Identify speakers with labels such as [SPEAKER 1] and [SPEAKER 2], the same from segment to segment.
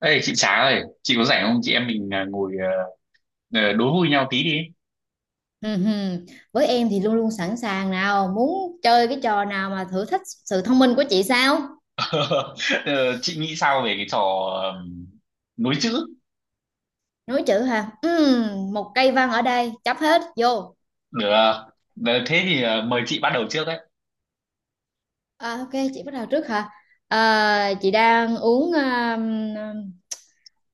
[SPEAKER 1] Ê chị Trá ơi, chị có rảnh không? Chị em mình ngồi đố vui nhau tí đi.
[SPEAKER 2] Ừ, hừ. Với em thì luôn luôn sẵn sàng, nào muốn chơi cái trò nào mà thử thách sự thông minh của chị sao?
[SPEAKER 1] Ờ, chị nghĩ sao về cái trò ờm, nối chữ?
[SPEAKER 2] Nối chữ hả? Ừ, một cây văn ở đây chấp hết vô.
[SPEAKER 1] Được. À? Thế thì mời chị bắt đầu trước đấy.
[SPEAKER 2] À, ok, chị bắt đầu trước hả? À, chị đang uống, à,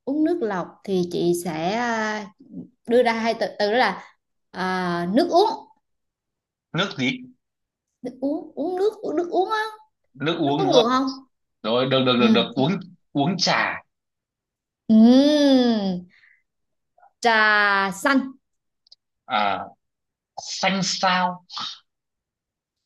[SPEAKER 2] uống nước lọc thì chị sẽ, à, đưa ra hai từ, từ đó là, à, nước uống.
[SPEAKER 1] Nước gì?
[SPEAKER 2] Nước uống, uống nước, uống nước uống á.
[SPEAKER 1] Nước
[SPEAKER 2] Nó
[SPEAKER 1] uống
[SPEAKER 2] có
[SPEAKER 1] đúng
[SPEAKER 2] ngược
[SPEAKER 1] không?
[SPEAKER 2] không?
[SPEAKER 1] Rồi được được được
[SPEAKER 2] Ừ.
[SPEAKER 1] được uống uống trà.
[SPEAKER 2] Ừ, trà xanh.
[SPEAKER 1] À, xanh sao?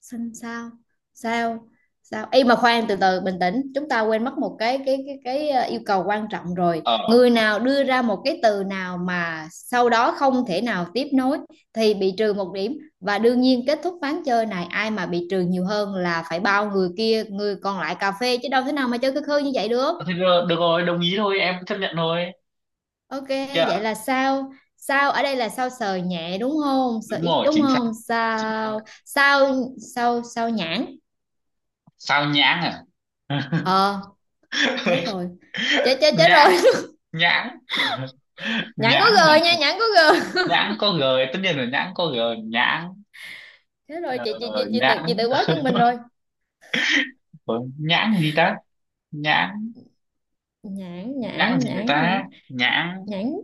[SPEAKER 2] Xanh sao? Sao sao. Ê mà khoan, từ từ bình tĩnh, chúng ta quên mất một cái yêu cầu quan trọng, rồi
[SPEAKER 1] Ờ
[SPEAKER 2] người nào đưa ra một cái từ nào mà sau đó không thể nào tiếp nối thì bị trừ một điểm, và đương nhiên kết thúc ván chơi này. Ai mà bị trừ nhiều hơn là phải bao người kia, người còn lại cà phê, chứ đâu thế nào mà chơi cơ khơi như vậy được.
[SPEAKER 1] Thế được, được rồi, đồng ý thôi, em chấp nhận thôi.
[SPEAKER 2] Ok, vậy
[SPEAKER 1] Dạ,
[SPEAKER 2] là sao? Sao ở đây là sao, sờ nhẹ đúng không, sờ
[SPEAKER 1] đúng
[SPEAKER 2] ít
[SPEAKER 1] rồi,
[SPEAKER 2] đúng
[SPEAKER 1] chính xác.
[SPEAKER 2] không.
[SPEAKER 1] Chính xác.
[SPEAKER 2] Sao, sao, sao. Sao nhãn.
[SPEAKER 1] Sao nhãng à?
[SPEAKER 2] Ờ, chết rồi, chết chết chết rồi.
[SPEAKER 1] Nhãng, nhãng,
[SPEAKER 2] Nhãn có
[SPEAKER 1] nhãng à?
[SPEAKER 2] g nha, nhãn có g.
[SPEAKER 1] Nhãn có g, tất nhiên là nhãn có g. Nhãn,
[SPEAKER 2] Chết rồi,
[SPEAKER 1] ờ,
[SPEAKER 2] chị chị chị chị tự
[SPEAKER 1] nhãn
[SPEAKER 2] chị tự bó chân mình rồi.
[SPEAKER 1] của nhãn gì ta? Nhãn,
[SPEAKER 2] Nhãn,
[SPEAKER 1] nhãn
[SPEAKER 2] nhãn,
[SPEAKER 1] gì được
[SPEAKER 2] nhãn,
[SPEAKER 1] ta?
[SPEAKER 2] nhãn,
[SPEAKER 1] Nhãn.
[SPEAKER 2] nhãn.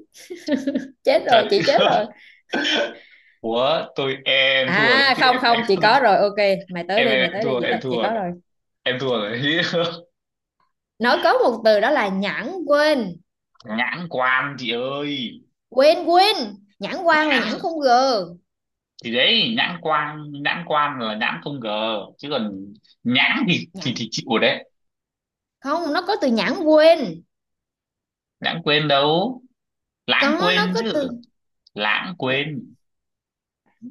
[SPEAKER 2] Chết rồi,
[SPEAKER 1] Trời.
[SPEAKER 2] chị chết rồi.
[SPEAKER 1] Của tôi em thua đấy
[SPEAKER 2] À,
[SPEAKER 1] chứ.
[SPEAKER 2] không,
[SPEAKER 1] em
[SPEAKER 2] không,
[SPEAKER 1] em
[SPEAKER 2] chị có rồi, ok. Mày tới
[SPEAKER 1] em
[SPEAKER 2] đi,
[SPEAKER 1] em
[SPEAKER 2] mày
[SPEAKER 1] em
[SPEAKER 2] tới đi.
[SPEAKER 1] thua, em
[SPEAKER 2] Chị
[SPEAKER 1] thua
[SPEAKER 2] có
[SPEAKER 1] rồi.
[SPEAKER 2] rồi.
[SPEAKER 1] Em thua rồi.
[SPEAKER 2] Nó có một từ đó là nhãn quên,
[SPEAKER 1] Nhãn quan chị ơi.
[SPEAKER 2] quên, quên. Nhãn quan là
[SPEAKER 1] Nhãn,
[SPEAKER 2] nhãn không g.
[SPEAKER 1] thì đấy, nhãn quan, nhãn quan là nhãn không g chứ còn nhãn thì
[SPEAKER 2] Nhãn
[SPEAKER 1] chịu rồi đấy.
[SPEAKER 2] không, nó có từ nhãn quên.
[SPEAKER 1] Nhãn quên đâu, lãng
[SPEAKER 2] Có, nó
[SPEAKER 1] quên
[SPEAKER 2] có
[SPEAKER 1] chứ.
[SPEAKER 2] từ
[SPEAKER 1] Lãng
[SPEAKER 2] nhãn
[SPEAKER 1] quên,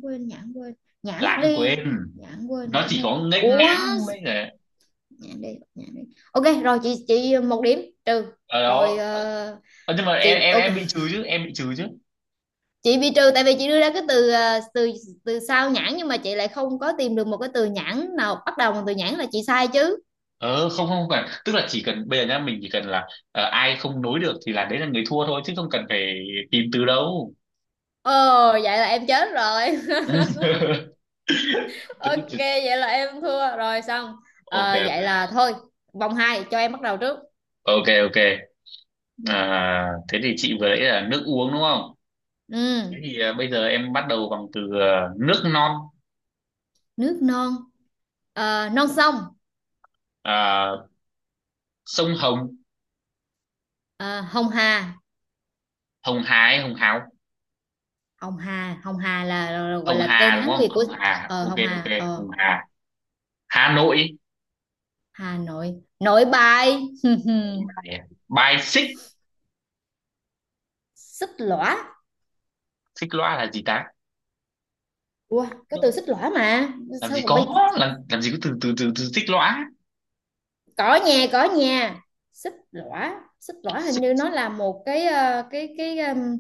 [SPEAKER 2] quên, nhãn quên. Nhãn
[SPEAKER 1] lãng quên.
[SPEAKER 2] đi, nhãn quên,
[SPEAKER 1] Nó
[SPEAKER 2] nhãn
[SPEAKER 1] chỉ
[SPEAKER 2] đi.
[SPEAKER 1] có nghênh
[SPEAKER 2] Ủa,
[SPEAKER 1] ngãng mới là
[SPEAKER 2] nhãn đi, bật nhãn đi. Ok rồi, chị một điểm trừ
[SPEAKER 1] ở
[SPEAKER 2] rồi.
[SPEAKER 1] đó.
[SPEAKER 2] Ờ,
[SPEAKER 1] Ờ, nhưng mà
[SPEAKER 2] chị ok,
[SPEAKER 1] em bị trừ chứ, em bị trừ chứ.
[SPEAKER 2] chị bị trừ tại vì chị đưa ra cái từ ờ, từ từ sau nhãn, nhưng mà chị lại không có tìm được một cái từ nhãn nào bắt đầu bằng từ nhãn là chị sai chứ.
[SPEAKER 1] Ờ Không không cần, tức là chỉ cần bây giờ nhá, mình chỉ cần là ờ, ai không nối được thì là đấy là người thua thôi, chứ không cần phải tìm từ đâu.
[SPEAKER 2] Ồ, vậy là em chết rồi. Ok, vậy là em thua rồi xong.
[SPEAKER 1] Ok,
[SPEAKER 2] Ờ, vậy là thôi, vòng 2 cho em bắt đầu trước.
[SPEAKER 1] ok ok. À, thế thì chị vừa nãy là nước uống đúng không?
[SPEAKER 2] Ừ,
[SPEAKER 1] Thế thì bây giờ em bắt đầu bằng từ nước non.
[SPEAKER 2] nước non. Ờ, non sông.
[SPEAKER 1] À, sông Hồng.
[SPEAKER 2] Ờ, hồng hà,
[SPEAKER 1] Hồng Hà hay Hồng Hào?
[SPEAKER 2] hồng hà. Hồng hà là gọi
[SPEAKER 1] Hồng
[SPEAKER 2] là
[SPEAKER 1] Hà
[SPEAKER 2] tên Hán
[SPEAKER 1] đúng không?
[SPEAKER 2] Việt của,
[SPEAKER 1] Hồng Hà, ok
[SPEAKER 2] hồng
[SPEAKER 1] ok,
[SPEAKER 2] hà. Ờ,
[SPEAKER 1] Hồng Hà. Hà Nội.
[SPEAKER 2] Hà Nội. Nội Bài.
[SPEAKER 1] Bài xích.
[SPEAKER 2] Xích lõa.
[SPEAKER 1] Xích loa là gì ta?
[SPEAKER 2] Ủa có từ
[SPEAKER 1] Đúng.
[SPEAKER 2] xích lõa mà
[SPEAKER 1] Làm gì
[SPEAKER 2] sao còn
[SPEAKER 1] có,
[SPEAKER 2] bây?
[SPEAKER 1] làm gì có từ từ từ từ xích lõa.
[SPEAKER 2] Có nhà, có nhà. Xích lõa, xích lõa hình
[SPEAKER 1] Xích,
[SPEAKER 2] như nó là một cái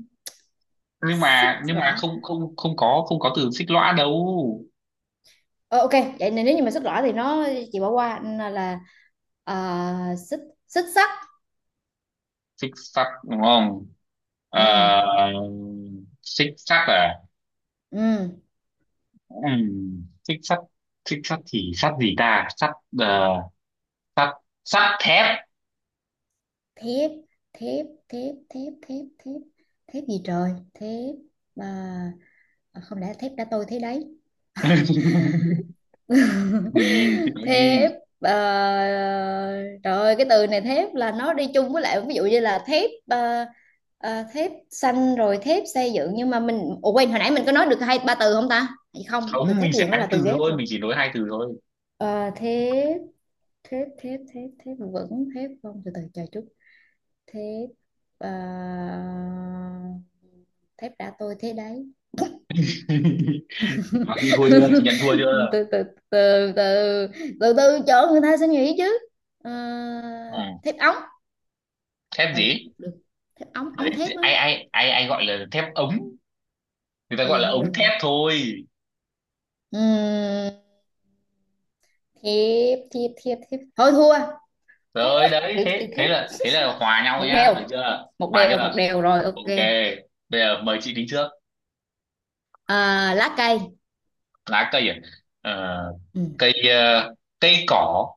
[SPEAKER 1] nhưng
[SPEAKER 2] xích
[SPEAKER 1] mà
[SPEAKER 2] lõa.
[SPEAKER 1] không, không không có, không có từ xích lõa đâu.
[SPEAKER 2] Ờ, ok, vậy nên nếu như mà xích lõa thì nó, chị bỏ qua là xích xích sắt.
[SPEAKER 1] Xích sắt đúng không?
[SPEAKER 2] Ừ,
[SPEAKER 1] Ờ, xích sắt à?
[SPEAKER 2] ừ.
[SPEAKER 1] Xích sắt. Xích sắt thì sắt gì ta? Sắt, ờ, sắt, sắt thép.
[SPEAKER 2] Thép, thép, thép, thép, thép, thép, thép gì trời. Thép. À, à, không lẽ thép đã tôi thế đấy.
[SPEAKER 1] Thì chị nói đi.
[SPEAKER 2] Thép, ờ, trời ơi, cái từ này thép là nó đi chung với lại, ví dụ như là thép, thép xanh rồi thép xây dựng, nhưng mà mình, ủa quên, hồi nãy mình có nói được hai ba từ không ta? Hay không, từ
[SPEAKER 1] Không,
[SPEAKER 2] thép
[SPEAKER 1] mình
[SPEAKER 2] xây
[SPEAKER 1] sẽ
[SPEAKER 2] dựng đó
[SPEAKER 1] hai
[SPEAKER 2] là từ
[SPEAKER 1] từ
[SPEAKER 2] ghép
[SPEAKER 1] thôi,
[SPEAKER 2] rồi.
[SPEAKER 1] mình chỉ nói hai từ thôi.
[SPEAKER 2] Ờ, thép, thép, thép, thép, thép, vẫn thép không? Từ từ chờ chút. Thép, ờ, thép đã tôi thế đấy.
[SPEAKER 1] Đó, chị thua chưa, chị nhận thua chưa?
[SPEAKER 2] Từ từ, từ từ, từ từ, chỗ người ta sẽ nghĩ chứ. Ờ,
[SPEAKER 1] Ừ.
[SPEAKER 2] thép ống.
[SPEAKER 1] Thép
[SPEAKER 2] Ừ,
[SPEAKER 1] gì?
[SPEAKER 2] được. Thép ống,
[SPEAKER 1] Đấy,
[SPEAKER 2] ống thép á.
[SPEAKER 1] ai ai ai ai gọi là thép ống? Người ta
[SPEAKER 2] Ờ
[SPEAKER 1] gọi
[SPEAKER 2] Giờ
[SPEAKER 1] là
[SPEAKER 2] không được
[SPEAKER 1] ống thép
[SPEAKER 2] hả?
[SPEAKER 1] thôi.
[SPEAKER 2] Ừm, Thiếp, thiếp, thiếp, thiếp, thôi thua. Chán
[SPEAKER 1] Rồi
[SPEAKER 2] quá,
[SPEAKER 1] đấy,
[SPEAKER 2] từ từ,
[SPEAKER 1] thế
[SPEAKER 2] thiếp.
[SPEAKER 1] thế là hòa nhau
[SPEAKER 2] một
[SPEAKER 1] nhá,
[SPEAKER 2] đều
[SPEAKER 1] được chưa?
[SPEAKER 2] một
[SPEAKER 1] Hòa chưa?
[SPEAKER 2] đều, một đều rồi, ok.
[SPEAKER 1] Ok. Bây giờ mời chị đi trước.
[SPEAKER 2] À, lá cây.
[SPEAKER 1] Lá cây à? Ờ,
[SPEAKER 2] Ừ,
[SPEAKER 1] cây cây cỏ.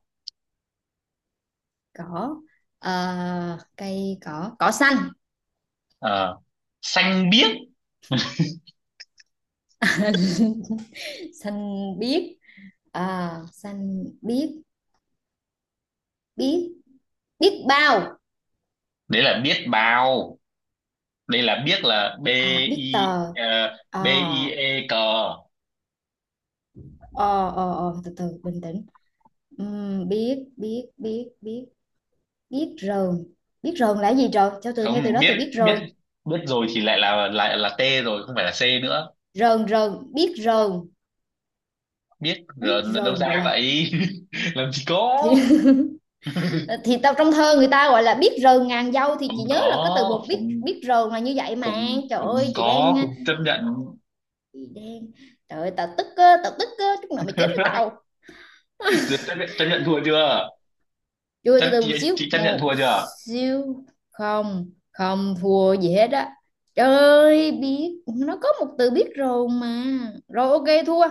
[SPEAKER 2] cỏ. Ờ, cây cỏ. Cỏ xanh.
[SPEAKER 1] Ờ, xanh biếc.
[SPEAKER 2] Xanh biếc. À, xanh biếc. Biếc, biếc bao.
[SPEAKER 1] Đấy là biết bao. Đây là biết, là b,
[SPEAKER 2] À, biết
[SPEAKER 1] i,
[SPEAKER 2] tờ.
[SPEAKER 1] ờ,
[SPEAKER 2] À,
[SPEAKER 1] b i e cờ.
[SPEAKER 2] ờ, từ từ, bình tĩnh. Biết, biết, biết, biết, biết rờn. Biết rờn là cái gì trời? Cho từ nghe từ
[SPEAKER 1] Không
[SPEAKER 2] đó,
[SPEAKER 1] biết,
[SPEAKER 2] từ biết
[SPEAKER 1] biết,
[SPEAKER 2] rờn.
[SPEAKER 1] biết rồi thì lại là t rồi, không phải là c nữa.
[SPEAKER 2] Rờn, rờn, biết rờn.
[SPEAKER 1] Biết
[SPEAKER 2] Biết
[SPEAKER 1] rồi đâu
[SPEAKER 2] rờn gọi
[SPEAKER 1] ra
[SPEAKER 2] là.
[SPEAKER 1] vậy? Làm gì có.
[SPEAKER 2] Thì, thì tao, trong thơ người ta gọi là biết rờn ngàn dâu, thì
[SPEAKER 1] Không
[SPEAKER 2] chị nhớ là cái từ
[SPEAKER 1] có,
[SPEAKER 2] một biết
[SPEAKER 1] không,
[SPEAKER 2] biết rờn là như vậy mà.
[SPEAKER 1] không
[SPEAKER 2] Trời
[SPEAKER 1] không
[SPEAKER 2] ơi,
[SPEAKER 1] có, không chấp nhận.
[SPEAKER 2] chị đang trời ơi, tao tức á, chút nào mày chết với tao.
[SPEAKER 1] Duyệt, chấp nhận thua chưa?
[SPEAKER 2] Chui, từ
[SPEAKER 1] Chấp
[SPEAKER 2] từ một xíu.
[SPEAKER 1] chị chấp nhận
[SPEAKER 2] Một
[SPEAKER 1] thua chưa?
[SPEAKER 2] xíu. Không, không thua gì hết á. Trời. Biết. Nó có một từ biết rồi mà. Rồi ok, thua.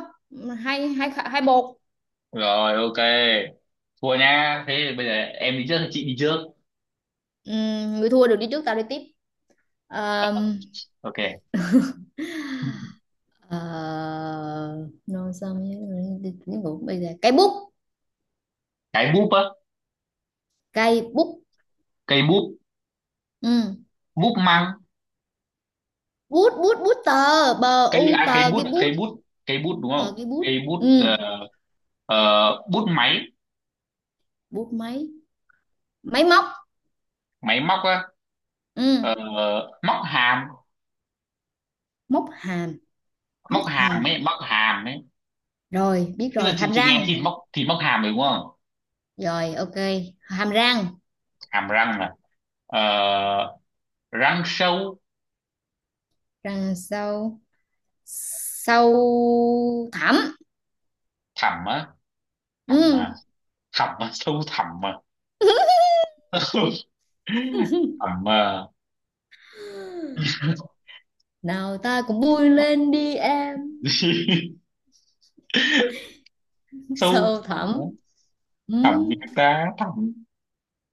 [SPEAKER 2] Hai, hai, hai một.
[SPEAKER 1] Rồi ok, thua nha. Thế thì bây giờ em đi trước hay chị đi trước?
[SPEAKER 2] Người thua được đi trước, tao đi tiếp. Ờm,
[SPEAKER 1] Ok.
[SPEAKER 2] ờ, Nói sao tiếng Ngữ bây giờ. Cây bút.
[SPEAKER 1] Cái bút á.
[SPEAKER 2] Cây bút.
[SPEAKER 1] Cây bút.
[SPEAKER 2] Ừ.
[SPEAKER 1] Bút măng.
[SPEAKER 2] Bút, bút, bút tờ, bờ
[SPEAKER 1] Cây
[SPEAKER 2] u
[SPEAKER 1] à, cây
[SPEAKER 2] tờ,
[SPEAKER 1] bút,
[SPEAKER 2] cái bút.
[SPEAKER 1] cây bút, cây bút đúng
[SPEAKER 2] Ờ,
[SPEAKER 1] không,
[SPEAKER 2] cái
[SPEAKER 1] cây
[SPEAKER 2] bút. Ừ.
[SPEAKER 1] bút. Ờ, ờ, bút máy.
[SPEAKER 2] Bút máy. Máy móc.
[SPEAKER 1] Máy móc á.
[SPEAKER 2] Ừ.
[SPEAKER 1] Ờ, móc hàm.
[SPEAKER 2] Móc hàm. Móc
[SPEAKER 1] Móc
[SPEAKER 2] hàm.
[SPEAKER 1] hàm ấy, móc hàm ấy.
[SPEAKER 2] Rồi biết
[SPEAKER 1] Tức là
[SPEAKER 2] rồi, hàm
[SPEAKER 1] chị nghe
[SPEAKER 2] răng.
[SPEAKER 1] thì móc, thì móc hàm rồi đúng không?
[SPEAKER 2] Rồi ok, hàm răng.
[SPEAKER 1] Hàm răng này. Ờ, răng sâu.
[SPEAKER 2] Răng sâu. Sâu thẳm.
[SPEAKER 1] Thẳm á? Thẳm
[SPEAKER 2] Ừ.
[SPEAKER 1] à? Thẳm à, sâu thẳm à? Thẳm à.
[SPEAKER 2] Nào ta cùng vui lên đi em.
[SPEAKER 1] Sâu
[SPEAKER 2] Sâu
[SPEAKER 1] thẳm á.
[SPEAKER 2] thẳm. Ừ.
[SPEAKER 1] Thẳm gì ta, thẳm?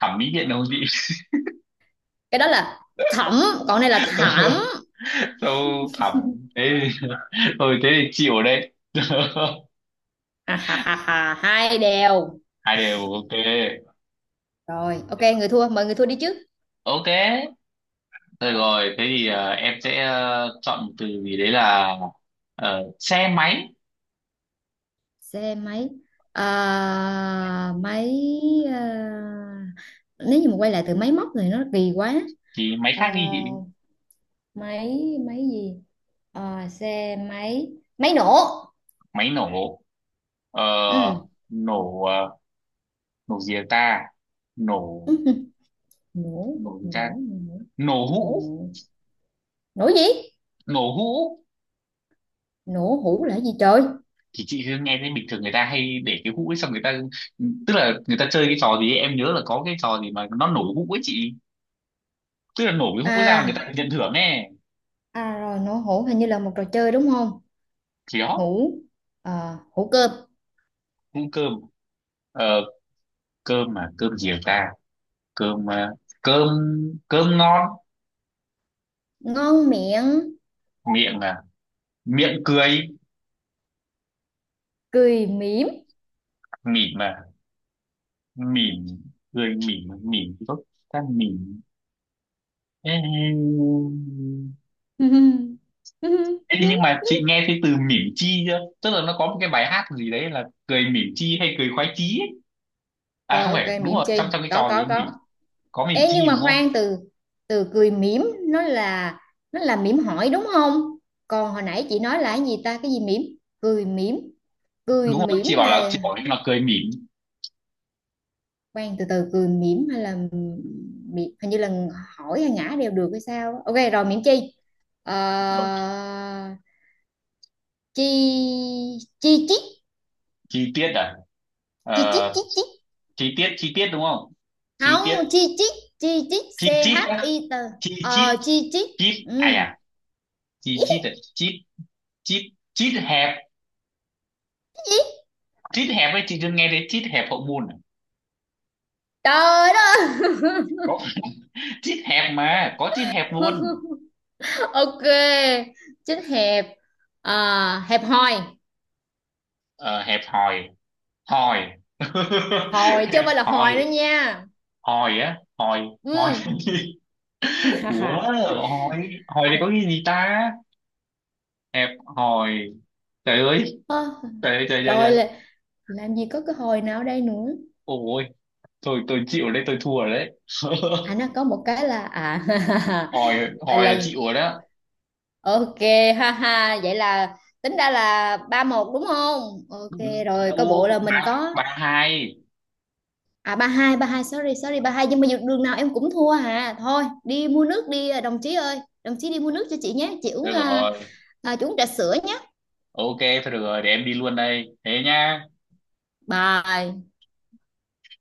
[SPEAKER 1] Thẩm mỹ viện đâu chị.
[SPEAKER 2] Cái đó là thẳm, còn đây là thảm.
[SPEAKER 1] Sâu thẳm. Thế thôi, thế thì chịu đấy.
[SPEAKER 2] À, ha, ha, ha, 2-2.
[SPEAKER 1] Hai đều, ok.
[SPEAKER 2] Rồi ok, người thua, mời người thua đi chứ.
[SPEAKER 1] Ok rồi, rồi thế thì em sẽ chọn một từ gì đấy là xe máy.
[SPEAKER 2] Xe máy. À, máy, à, nếu như mà quay lại từ máy móc thì nó kỳ quá.
[SPEAKER 1] Thì máy
[SPEAKER 2] À,
[SPEAKER 1] khác đi chị.
[SPEAKER 2] máy, máy gì? Ờ, xe máy. Máy nổ.
[SPEAKER 1] Máy nổ. Ờ,
[SPEAKER 2] Ừ.
[SPEAKER 1] nổ, ờ, nổ gì ta? Nổ,
[SPEAKER 2] Nổ,
[SPEAKER 1] nổ gì ta?
[SPEAKER 2] nổ, nổ,
[SPEAKER 1] Nổ hũ.
[SPEAKER 2] nổ. Nổ gì?
[SPEAKER 1] Nổ hũ.
[SPEAKER 2] Nổ hũ là gì trời?
[SPEAKER 1] Thì chị cứ nghe thấy bình thường người ta hay để cái hũ ấy xong người ta, tức là người ta chơi cái trò gì ấy, em nhớ là có cái trò gì mà nó nổ hũ ấy chị. Tức là nổ cái hũ ấy ra là người ta
[SPEAKER 2] à
[SPEAKER 1] được nhận thưởng nè.
[SPEAKER 2] à rồi, nổ hũ hình như là một trò chơi đúng không?
[SPEAKER 1] Thì đó.
[SPEAKER 2] Hũ. Ờ, hũ cơm.
[SPEAKER 1] Hũ cơm. Ờ, cơm mà cơm gì ta? Cơm, ờ, cơm, cơm ngon.
[SPEAKER 2] Ngon miệng.
[SPEAKER 1] Miệng à? Miệng cười.
[SPEAKER 2] Cười mỉm.
[SPEAKER 1] Mỉm à? Mỉm, cười mỉm, mỉm tốt, ta mỉm. Ê, ê, nhưng mà chị nghe thấy từ mỉm chi chưa, tức là nó có một cái bài hát gì đấy là cười mỉm chi hay cười khoái chí ấy. À
[SPEAKER 2] Rồi
[SPEAKER 1] không
[SPEAKER 2] ok,
[SPEAKER 1] phải, đúng
[SPEAKER 2] mỉm
[SPEAKER 1] rồi, trong
[SPEAKER 2] chi
[SPEAKER 1] trong cái
[SPEAKER 2] có,
[SPEAKER 1] trò gì
[SPEAKER 2] có,
[SPEAKER 1] ấy, mỉm.
[SPEAKER 2] có.
[SPEAKER 1] Có mỉm
[SPEAKER 2] Ê nhưng
[SPEAKER 1] chi đúng
[SPEAKER 2] mà
[SPEAKER 1] không?
[SPEAKER 2] khoan, từ từ, cười mỉm nó là, mỉm hỏi đúng không? Còn hồi nãy chị nói là cái gì ta, cái gì mỉm? Cười mỉm. Cười
[SPEAKER 1] Đúng rồi,
[SPEAKER 2] mỉm là,
[SPEAKER 1] chị bảo là cười mỉm.
[SPEAKER 2] khoan, từ từ cười mỉm hay là mỉm, hình như là hỏi hay ngã đều được hay sao? Á. Ok rồi, mỉm chi? Ờ, chi. Chi chít,
[SPEAKER 1] Chi tiết à?
[SPEAKER 2] chi chít,
[SPEAKER 1] Ờ,
[SPEAKER 2] chi chít.
[SPEAKER 1] chi tiết, chi tiết đúng không? Chi tiết.
[SPEAKER 2] Không, chi chít, chi chít,
[SPEAKER 1] Chi
[SPEAKER 2] c
[SPEAKER 1] chít
[SPEAKER 2] h
[SPEAKER 1] á?
[SPEAKER 2] i t
[SPEAKER 1] Chi chít,
[SPEAKER 2] Chi chít.
[SPEAKER 1] chít à? À,
[SPEAKER 2] Ừ.
[SPEAKER 1] chi chít à, chít, chít. Chít hẹp.
[SPEAKER 2] Cái gì?
[SPEAKER 1] Chít hẹp ấy, chị chưa nghe thấy chít hẹp hậu môn à?
[SPEAKER 2] Trời đất
[SPEAKER 1] Có chít hẹp mà, có chít hẹp luôn.
[SPEAKER 2] ơi! Ok, chích hẹp. À, hẹp hòi.
[SPEAKER 1] Ờ, hẹp hòi. Hồi.
[SPEAKER 2] Hòi chứ
[SPEAKER 1] Em
[SPEAKER 2] không phải là hồi nữa
[SPEAKER 1] hồi,
[SPEAKER 2] nha.
[SPEAKER 1] hồi á, hồi,
[SPEAKER 2] Ừ.
[SPEAKER 1] hồi. Ủa, hồi, hồi thì có cái gì ta? Hẹp, hồi, trời ơi,
[SPEAKER 2] Ơ,
[SPEAKER 1] trời trời trời
[SPEAKER 2] rồi
[SPEAKER 1] trời.
[SPEAKER 2] là làm gì có cái hồi nào ở đây nữa.
[SPEAKER 1] Ôi thôi, tôi chịu, ở đây tôi thua rồi đấy.
[SPEAKER 2] À, nó có một cái là, à,
[SPEAKER 1] Hồi, hồi
[SPEAKER 2] là,
[SPEAKER 1] là chịu rồi đó.
[SPEAKER 2] ok. Ha ha, vậy là tính ra là 3-1 đúng không? Ok
[SPEAKER 1] Đúng.
[SPEAKER 2] rồi, coi bộ là
[SPEAKER 1] Đâu,
[SPEAKER 2] mình
[SPEAKER 1] ba
[SPEAKER 2] có,
[SPEAKER 1] ba hai.
[SPEAKER 2] à, 3-2, ba hai, sorry, sorry, ba hai, nhưng mà dù đường nào em cũng thua hả. Thôi đi mua nước đi, à, đồng chí ơi. Đồng chí đi mua nước cho chị nhé, chị uống,
[SPEAKER 1] Được
[SPEAKER 2] à,
[SPEAKER 1] rồi,
[SPEAKER 2] à, chị uống trà sữa nhé.
[SPEAKER 1] ok. Thôi được rồi, để em đi luôn đây thế nhá.
[SPEAKER 2] Bye.